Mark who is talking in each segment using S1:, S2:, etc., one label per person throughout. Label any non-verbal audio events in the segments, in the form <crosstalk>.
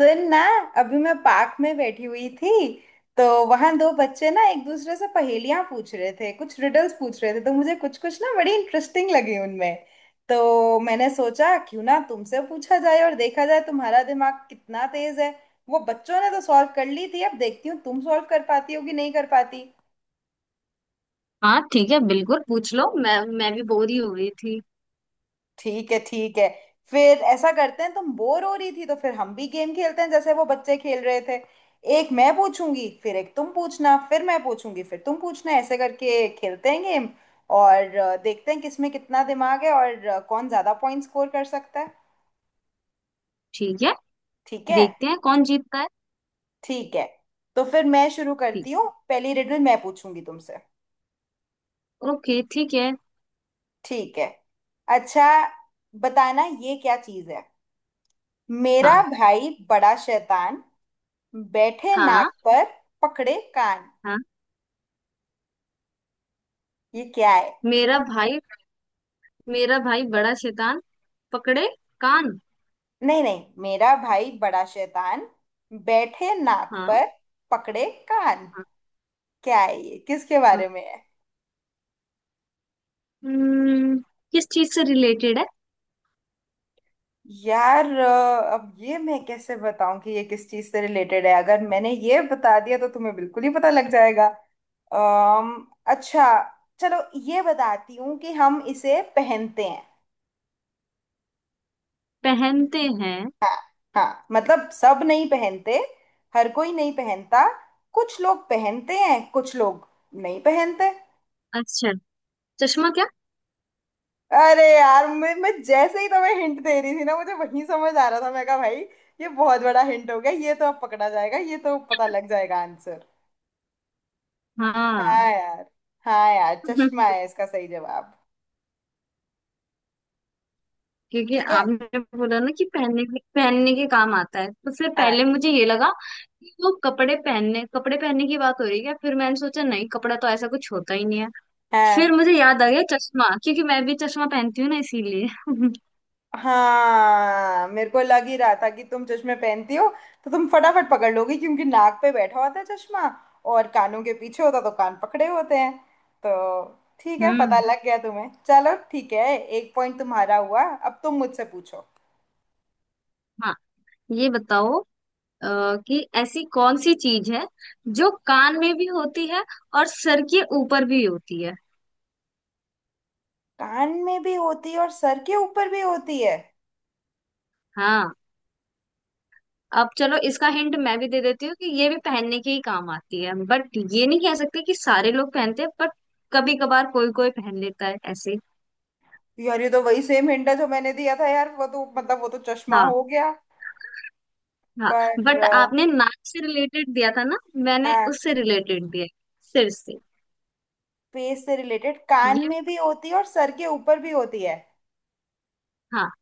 S1: सुन ना। अभी मैं पार्क में बैठी हुई थी। तो वहां दो बच्चे ना एक दूसरे से पहेलियां पूछ रहे थे, कुछ रिडल्स पूछ रहे थे। तो मुझे कुछ कुछ ना बड़ी इंटरेस्टिंग लगी उनमें। तो मैंने सोचा क्यों ना तुमसे पूछा जाए और देखा जाए तुम्हारा दिमाग कितना तेज है। वो बच्चों ने तो सॉल्व कर ली थी, अब देखती हूँ तुम सॉल्व कर पाती हो कि नहीं कर पाती।
S2: हाँ, ठीक है। बिल्कुल पूछ लो। मैं भी बोर ही हो रही थी।
S1: ठीक है ठीक है। फिर ऐसा करते हैं, तुम बोर हो रही थी तो फिर हम भी गेम खेलते हैं जैसे वो बच्चे खेल रहे थे। एक मैं पूछूंगी फिर एक तुम पूछना, फिर मैं पूछूंगी फिर तुम पूछना, ऐसे करके खेलते हैं गेम। और देखते हैं किसमें कितना दिमाग है, और कौन ज्यादा पॉइंट स्कोर कर सकता है।
S2: ठीक है,
S1: ठीक है
S2: देखते हैं कौन जीतता है।
S1: ठीक है। तो फिर मैं शुरू
S2: ठीक।
S1: करती हूँ, पहली रिडल मैं पूछूंगी तुमसे।
S2: ओके, ठीक है।
S1: ठीक है। अच्छा, बताना ये क्या चीज़ है। मेरा
S2: हाँ।
S1: भाई बड़ा शैतान, बैठे नाक
S2: हाँ।
S1: पर, पकड़े कान।
S2: हाँ,
S1: ये क्या है?
S2: मेरा भाई मेरा भाई बड़ा शैतान, पकड़े कान।
S1: नहीं नहीं, मेरा भाई बड़ा शैतान, बैठे नाक
S2: हाँ।
S1: पर, पकड़े कान।
S2: हाँ।
S1: क्या है ये? किसके
S2: हाँ।
S1: बारे में है?
S2: हम्म, किस चीज से रिलेटेड है?
S1: यार अब ये मैं कैसे बताऊं कि ये किस चीज से रिलेटेड है, अगर मैंने ये बता दिया तो तुम्हें बिल्कुल ही पता लग जाएगा। अम्म अच्छा, चलो, ये बताती हूँ कि हम इसे पहनते हैं।
S2: पहनते हैं?
S1: हाँ। हाँ मतलब सब नहीं पहनते, हर कोई नहीं पहनता, कुछ लोग पहनते हैं कुछ लोग नहीं पहनते।
S2: अच्छा, चश्मा क्या?
S1: अरे यार, मैं जैसे ही तुम्हें हिंट दे रही थी ना, मुझे वही समझ आ रहा था। मैं कहा भाई, ये बहुत बड़ा हिंट हो गया, ये तो अब पकड़ा जाएगा, ये तो पता लग जाएगा आंसर।
S2: हाँ।
S1: हाँ यार। हाँ यार, चश्मा
S2: <laughs>
S1: है इसका सही जवाब।
S2: क्योंकि
S1: ठीक है।
S2: आपने बोला ना कि पहनने के काम आता है, तो फिर
S1: हाँ
S2: पहले मुझे ये लगा कि वो कपड़े पहनने की बात हो रही है क्या। फिर मैंने सोचा, नहीं, कपड़ा तो ऐसा कुछ होता ही नहीं है। फिर
S1: हाँ।
S2: मुझे याद आ गया चश्मा, क्योंकि मैं भी चश्मा पहनती हूँ ना, इसीलिए। <laughs>
S1: हाँ मेरे को लग ही रहा था कि तुम चश्मे पहनती हो, तो तुम फटाफट पकड़ लोगी क्योंकि नाक पे बैठा होता है चश्मा, और कानों के पीछे होता तो कान पकड़े होते हैं। तो ठीक है, पता
S2: हम्म।
S1: लग गया तुम्हें। चलो ठीक है, एक पॉइंट तुम्हारा हुआ, अब तुम मुझसे पूछो।
S2: हाँ, ये बताओ अ, कि ऐसी कौन सी चीज है जो कान में भी होती है और सर के ऊपर भी होती है।
S1: कान में भी होती है और सर के ऊपर भी होती है?
S2: हाँ, अब चलो, इसका हिंट मैं भी दे देती हूँ कि ये भी पहनने के ही काम आती है, बट ये नहीं कह सकते कि सारे लोग पहनते हैं। बट कभी कभार कोई कोई पहन लेता है ऐसे।
S1: यार ये तो वही सेम हिंट है जो मैंने दिया था यार, वो तो मतलब वो तो चश्मा
S2: हाँ।
S1: हो गया।
S2: हाँ,
S1: पर
S2: बट आपने नाक से रिलेटेड दिया था ना, मैंने
S1: हाँ।
S2: उससे रिलेटेड दिया है, सिर से।
S1: फेस से रिलेटेड, कान
S2: ये भी।
S1: में भी होती है और सर के ऊपर भी होती है।
S2: हाँ,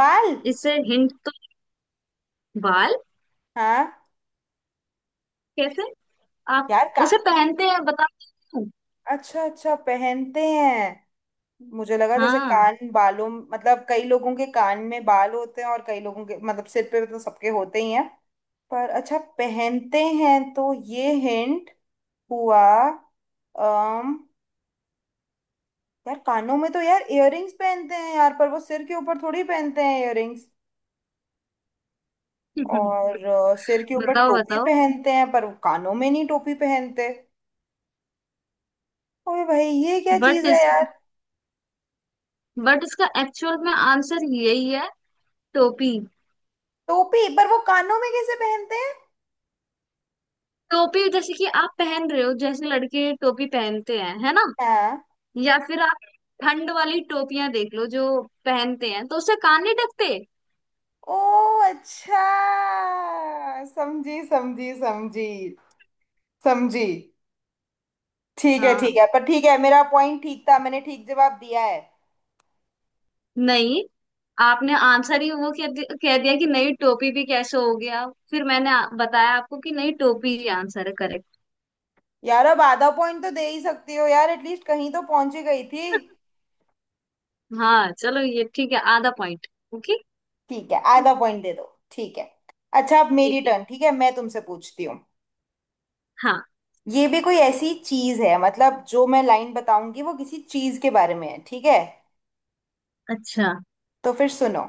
S1: बाल।
S2: इससे हिंट तो बाल
S1: हाँ
S2: कैसे? आप
S1: यार का।
S2: उसे पहनते हैं, बताओ।
S1: अच्छा अच्छा, पहनते हैं। मुझे लगा जैसे
S2: हाँ।
S1: कान बालों, मतलब कई लोगों के कान में बाल होते हैं और कई लोगों के, मतलब सिर पे तो सबके होते ही हैं। पर अच्छा पहनते हैं, तो ये हिंट हुआ। अम यार कानों में तो यार इयररिंग्स पहनते हैं यार, पर वो सिर के ऊपर थोड़ी पहनते हैं इयररिंग्स।
S2: <laughs>
S1: और सिर के ऊपर
S2: बताओ,
S1: टोपी
S2: बताओ।
S1: पहनते हैं, पर वो कानों में नहीं टोपी पहनते। ओए भाई, ये क्या चीज
S2: बट
S1: है
S2: इस
S1: यार।
S2: बट इसका एक्चुअल में आंसर यही है, टोपी।
S1: टोपी, पर वो कानों में कैसे पहनते हैं?
S2: टोपी जैसे कि आप पहन रहे हो, जैसे लड़के टोपी पहनते हैं, है ना।
S1: हाँ।
S2: या फिर आप ठंड वाली टोपियां देख लो जो पहनते हैं, तो उससे कान नहीं ढकते।
S1: ओ अच्छा, समझी समझी समझी। समझी। ठीक है ठीक
S2: हाँ।
S1: है, पर ठीक है मेरा पॉइंट ठीक था, मैंने ठीक जवाब दिया है।
S2: नहीं, आपने आंसर ही वो कह दिया कि नई टोपी भी कैसे हो गया। फिर मैंने बताया आपको कि नई टोपी ही आंसर है, करेक्ट।
S1: यार अब आधा पॉइंट तो दे ही सकती हो यार, एटलीस्ट कहीं तो पहुंची गई थी।
S2: हाँ चलो, ये ठीक है, आधा पॉइंट। ओके,
S1: ठीक है आधा पॉइंट दे दो। ठीक है। अच्छा अब
S2: ठीक
S1: मेरी
S2: है।
S1: टर्न, ठीक है मैं तुमसे पूछती हूँ।
S2: हाँ।
S1: ये भी कोई ऐसी चीज है, मतलब जो मैं लाइन बताऊंगी वो किसी चीज के बारे में है, ठीक है?
S2: अच्छा।
S1: तो फिर सुनो।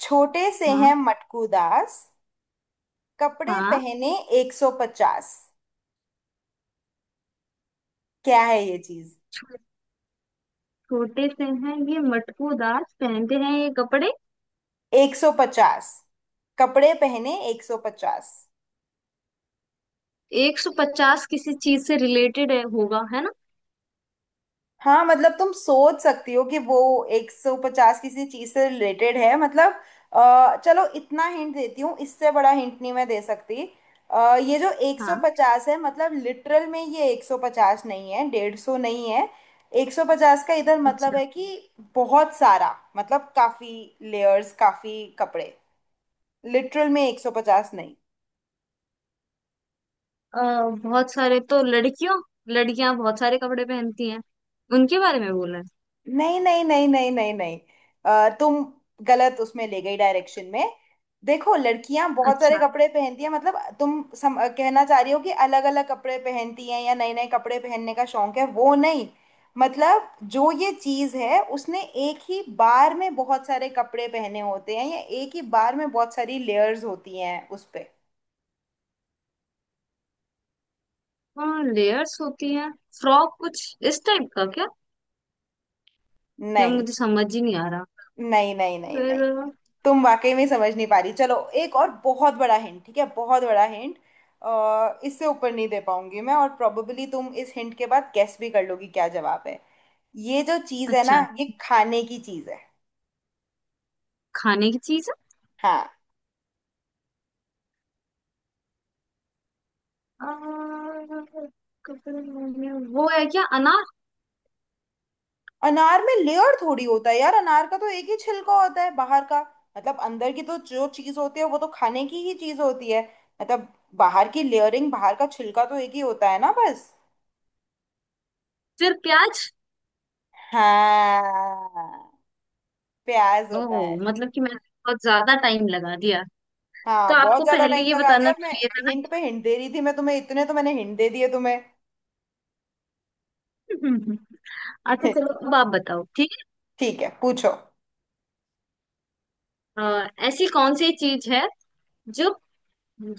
S1: छोटे से हैं
S2: हाँ।
S1: मटकू दास, कपड़े
S2: हाँ।
S1: पहने 150। क्या है ये चीज?
S2: छो- छोटे से हैं ये मटकूदार, पहनते हैं ये कपड़े।
S1: 150, कपड़े पहने 150।
S2: 150 किसी चीज से रिलेटेड है होगा, है ना।
S1: हाँ मतलब तुम सोच सकती हो कि वो 150 किसी चीज से रिलेटेड है, मतलब। चलो इतना हिंट देती हूँ, इससे बड़ा हिंट नहीं मैं दे सकती। ये जो
S2: हाँ।
S1: 150 है मतलब लिटरल में ये 150 नहीं है, 150 नहीं है। 150 का इधर मतलब
S2: अच्छा।
S1: है कि बहुत सारा, मतलब काफी लेयर्स, काफी कपड़े। लिटरल में 150 नहीं
S2: बहुत सारे तो लड़कियों, लड़कियां बहुत सारे कपड़े पहनती हैं, उनके बारे में बोल रहे
S1: नहीं नहीं नहीं नहीं नहीं नहीं। तुम गलत उसमें ले गई, डायरेक्शन में। देखो लड़कियां
S2: हैं।
S1: बहुत सारे
S2: अच्छा।
S1: कपड़े पहनती हैं, मतलब तुम कहना चाह रही हो कि अलग अलग कपड़े पहनती हैं या नए नए कपड़े पहनने का शौक है, वो नहीं मतलब। जो ये चीज है उसने एक ही बार में बहुत सारे कपड़े पहने होते हैं, या एक ही बार में बहुत सारी लेयर्स होती हैं उस पे।
S2: हाँ, लेयर्स होती हैं। फ्रॉक कुछ इस टाइप का क्या? ये
S1: नहीं
S2: मुझे समझ ही नहीं आ रहा।
S1: नहीं नहीं नहीं नहीं,
S2: फिर?
S1: तुम वाकई में समझ नहीं पा रही। चलो एक और बहुत बड़ा हिंट, ठीक है, बहुत बड़ा हिंट, इससे ऊपर नहीं दे पाऊंगी मैं, और प्रोबेबली तुम इस हिंट के बाद गेस भी कर लोगी क्या जवाब है। ये जो चीज है ना,
S2: अच्छा,
S1: ये खाने की चीज है।
S2: खाने की चीज है।
S1: हाँ।
S2: अ, कपड़े में वो है क्या, अनार?
S1: अनार में लेयर थोड़ी होता है यार, अनार का तो एक ही छिलका होता है बाहर का। मतलब अंदर की तो जो चीज होती है वो तो खाने की ही चीज होती है। मतलब बाहर की लेयरिंग, बाहर का छिलका तो एक ही होता है ना बस।
S2: फिर प्याज?
S1: हाँ, प्याज
S2: ओह,
S1: होता है।
S2: मतलब कि मैंने बहुत ज्यादा टाइम लगा दिया। तो
S1: हाँ, बहुत
S2: आपको
S1: ज्यादा
S2: पहले
S1: टाइम
S2: ये
S1: लगा दिया,
S2: बताना
S1: और मैं
S2: चाहिए था
S1: हिंट पे हिंट दे रही थी मैं तुम्हें, इतने तो मैंने हिंट दे दिए तुम्हें।
S2: ना। <laughs> अच्छा चलो,
S1: <laughs>
S2: अब आप बताओ। ठीक
S1: ठीक है पूछो।
S2: है ऐसी कौन सी चीज है जो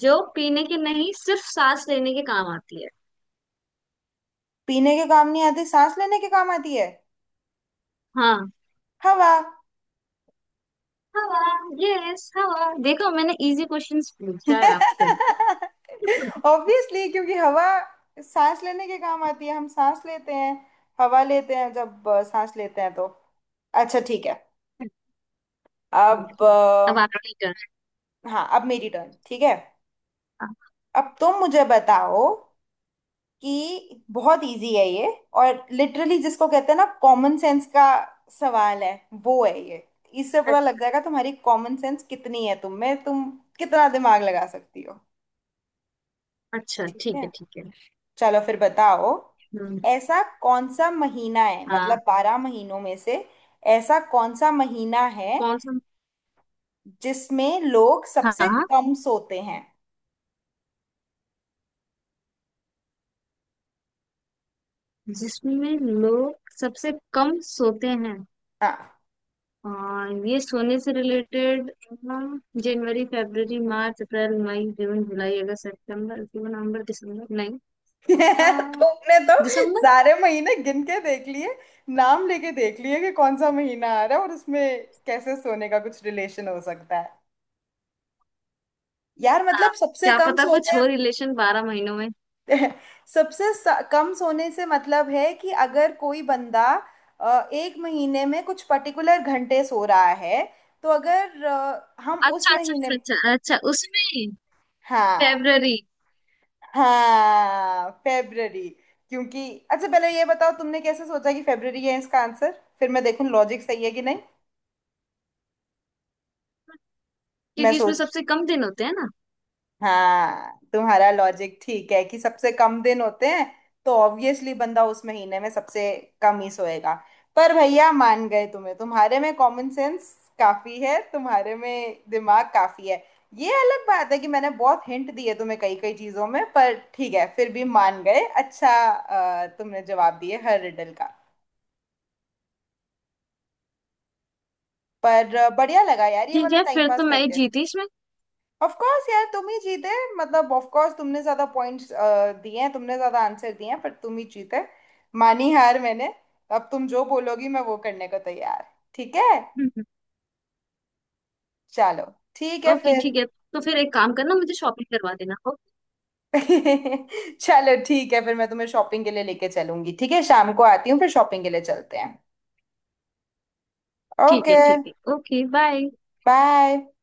S2: जो पीने की नहीं, सिर्फ सांस लेने के काम आती है।
S1: पीने के काम नहीं आती, सांस लेने के काम आती है।
S2: हाँ।
S1: हवा।
S2: हवा? यस, हवा। देखो, मैंने इजी क्वेश्चंस पूछा है आपसे।
S1: <laughs> ऑब्वियसली, क्योंकि हवा सांस लेने के काम आती है, हम सांस लेते हैं, हवा लेते हैं, जब सांस लेते हैं तो। अच्छा ठीक है।
S2: <laughs>
S1: अब
S2: अब आपकी टर्न।
S1: हाँ अब मेरी टर्न, ठीक है अब तुम मुझे बताओ, कि बहुत इजी है ये, और लिटरली जिसको कहते हैं ना कॉमन सेंस का सवाल है, वो है ये। इससे पता लग जाएगा तुम्हारी कॉमन सेंस कितनी है, तुम में तुम कितना दिमाग लगा सकती हो।
S2: अच्छा,
S1: ठीक
S2: ठीक
S1: है।
S2: है, ठीक है।
S1: चलो फिर बताओ।
S2: हम्म।
S1: ऐसा कौन सा महीना है,
S2: हाँ।
S1: मतलब बारह महीनों में से ऐसा कौन सा महीना है
S2: कौन सा?
S1: जिसमें लोग सबसे
S2: हाँ,
S1: कम सोते हैं?
S2: जिसमें लोग सबसे कम सोते हैं?
S1: हाँ।
S2: हाँ, ये सोने से रिलेटेड। जनवरी, फरवरी, मार्च, अप्रैल, मई, जून, जुलाई, अगस्त, सितंबर, अक्टूबर, नवंबर, दिसंबर। नहीं।
S1: <laughs>
S2: आ,
S1: तुमने तो
S2: दिसंबर?
S1: सारे महीने गिन के देख लिए, नाम लेके देख लिए कि कौन सा महीना आ रहा है और उसमें कैसे सोने का कुछ रिलेशन हो सकता है। यार
S2: हाँ,
S1: मतलब सबसे
S2: क्या
S1: कम
S2: पता कुछ
S1: सोते हैं।
S2: हो रिलेशन 12 महीनों में।
S1: <laughs> सबसे कम सोने से मतलब है कि अगर कोई बंदा एक महीने में कुछ पर्टिकुलर घंटे सो रहा है, तो अगर हम उस
S2: अच्छा अच्छा
S1: महीने।
S2: अच्छा अच्छा अच्छा, उसमें
S1: हाँ
S2: फरवरी।
S1: हाँ फेब्ररी। क्योंकि अच्छा, पहले ये बताओ तुमने कैसे सोचा कि फेब्ररी है इसका आंसर, फिर मैं देखूं लॉजिक सही है कि नहीं। मैं
S2: क्योंकि इसमें
S1: सोच,
S2: सबसे कम दिन होते हैं ना।
S1: हाँ तुम्हारा लॉजिक ठीक है कि सबसे कम दिन होते हैं, तो ऑब्वियसली बंदा उस महीने में सबसे कम ही सोएगा। पर भैया मान गए तुम्हें, तुम्हारे में कॉमन सेंस काफी है, तुम्हारे में दिमाग काफी है। ये अलग बात है कि मैंने बहुत हिंट दिए तुम्हें कई कई चीजों में, पर ठीक है फिर भी मान गए अच्छा। तुमने जवाब दिए हर रिडल का। पर बढ़िया लगा यार ये
S2: ठीक
S1: वाला
S2: है,
S1: टाइम
S2: फिर तो
S1: पास
S2: मैं ही
S1: करके।
S2: जीती इसमें।
S1: ऑफ कोर्स यार तुम ही जीते, मतलब ऑफ कोर्स तुमने ज्यादा पॉइंट्स दिए हैं, तुमने ज्यादा आंसर दिए हैं, पर तुम ही जीते। मानी हार मैंने। अब तुम जो बोलोगी मैं वो करने को तैयार। ठीक है।
S2: हम्म।
S1: चलो ठीक है
S2: ओके
S1: फिर।
S2: ठीक है, तो फिर एक काम करना, मुझे शॉपिंग करवा देना। ओके।
S1: <laughs> चलो ठीक है फिर, मैं तुम्हें शॉपिंग के लिए लेके चलूंगी। ठीक है शाम को आती हूँ, फिर शॉपिंग के लिए चलते हैं।
S2: ठीक है,
S1: ओके
S2: ठीक है। Okay, bye.
S1: बाय।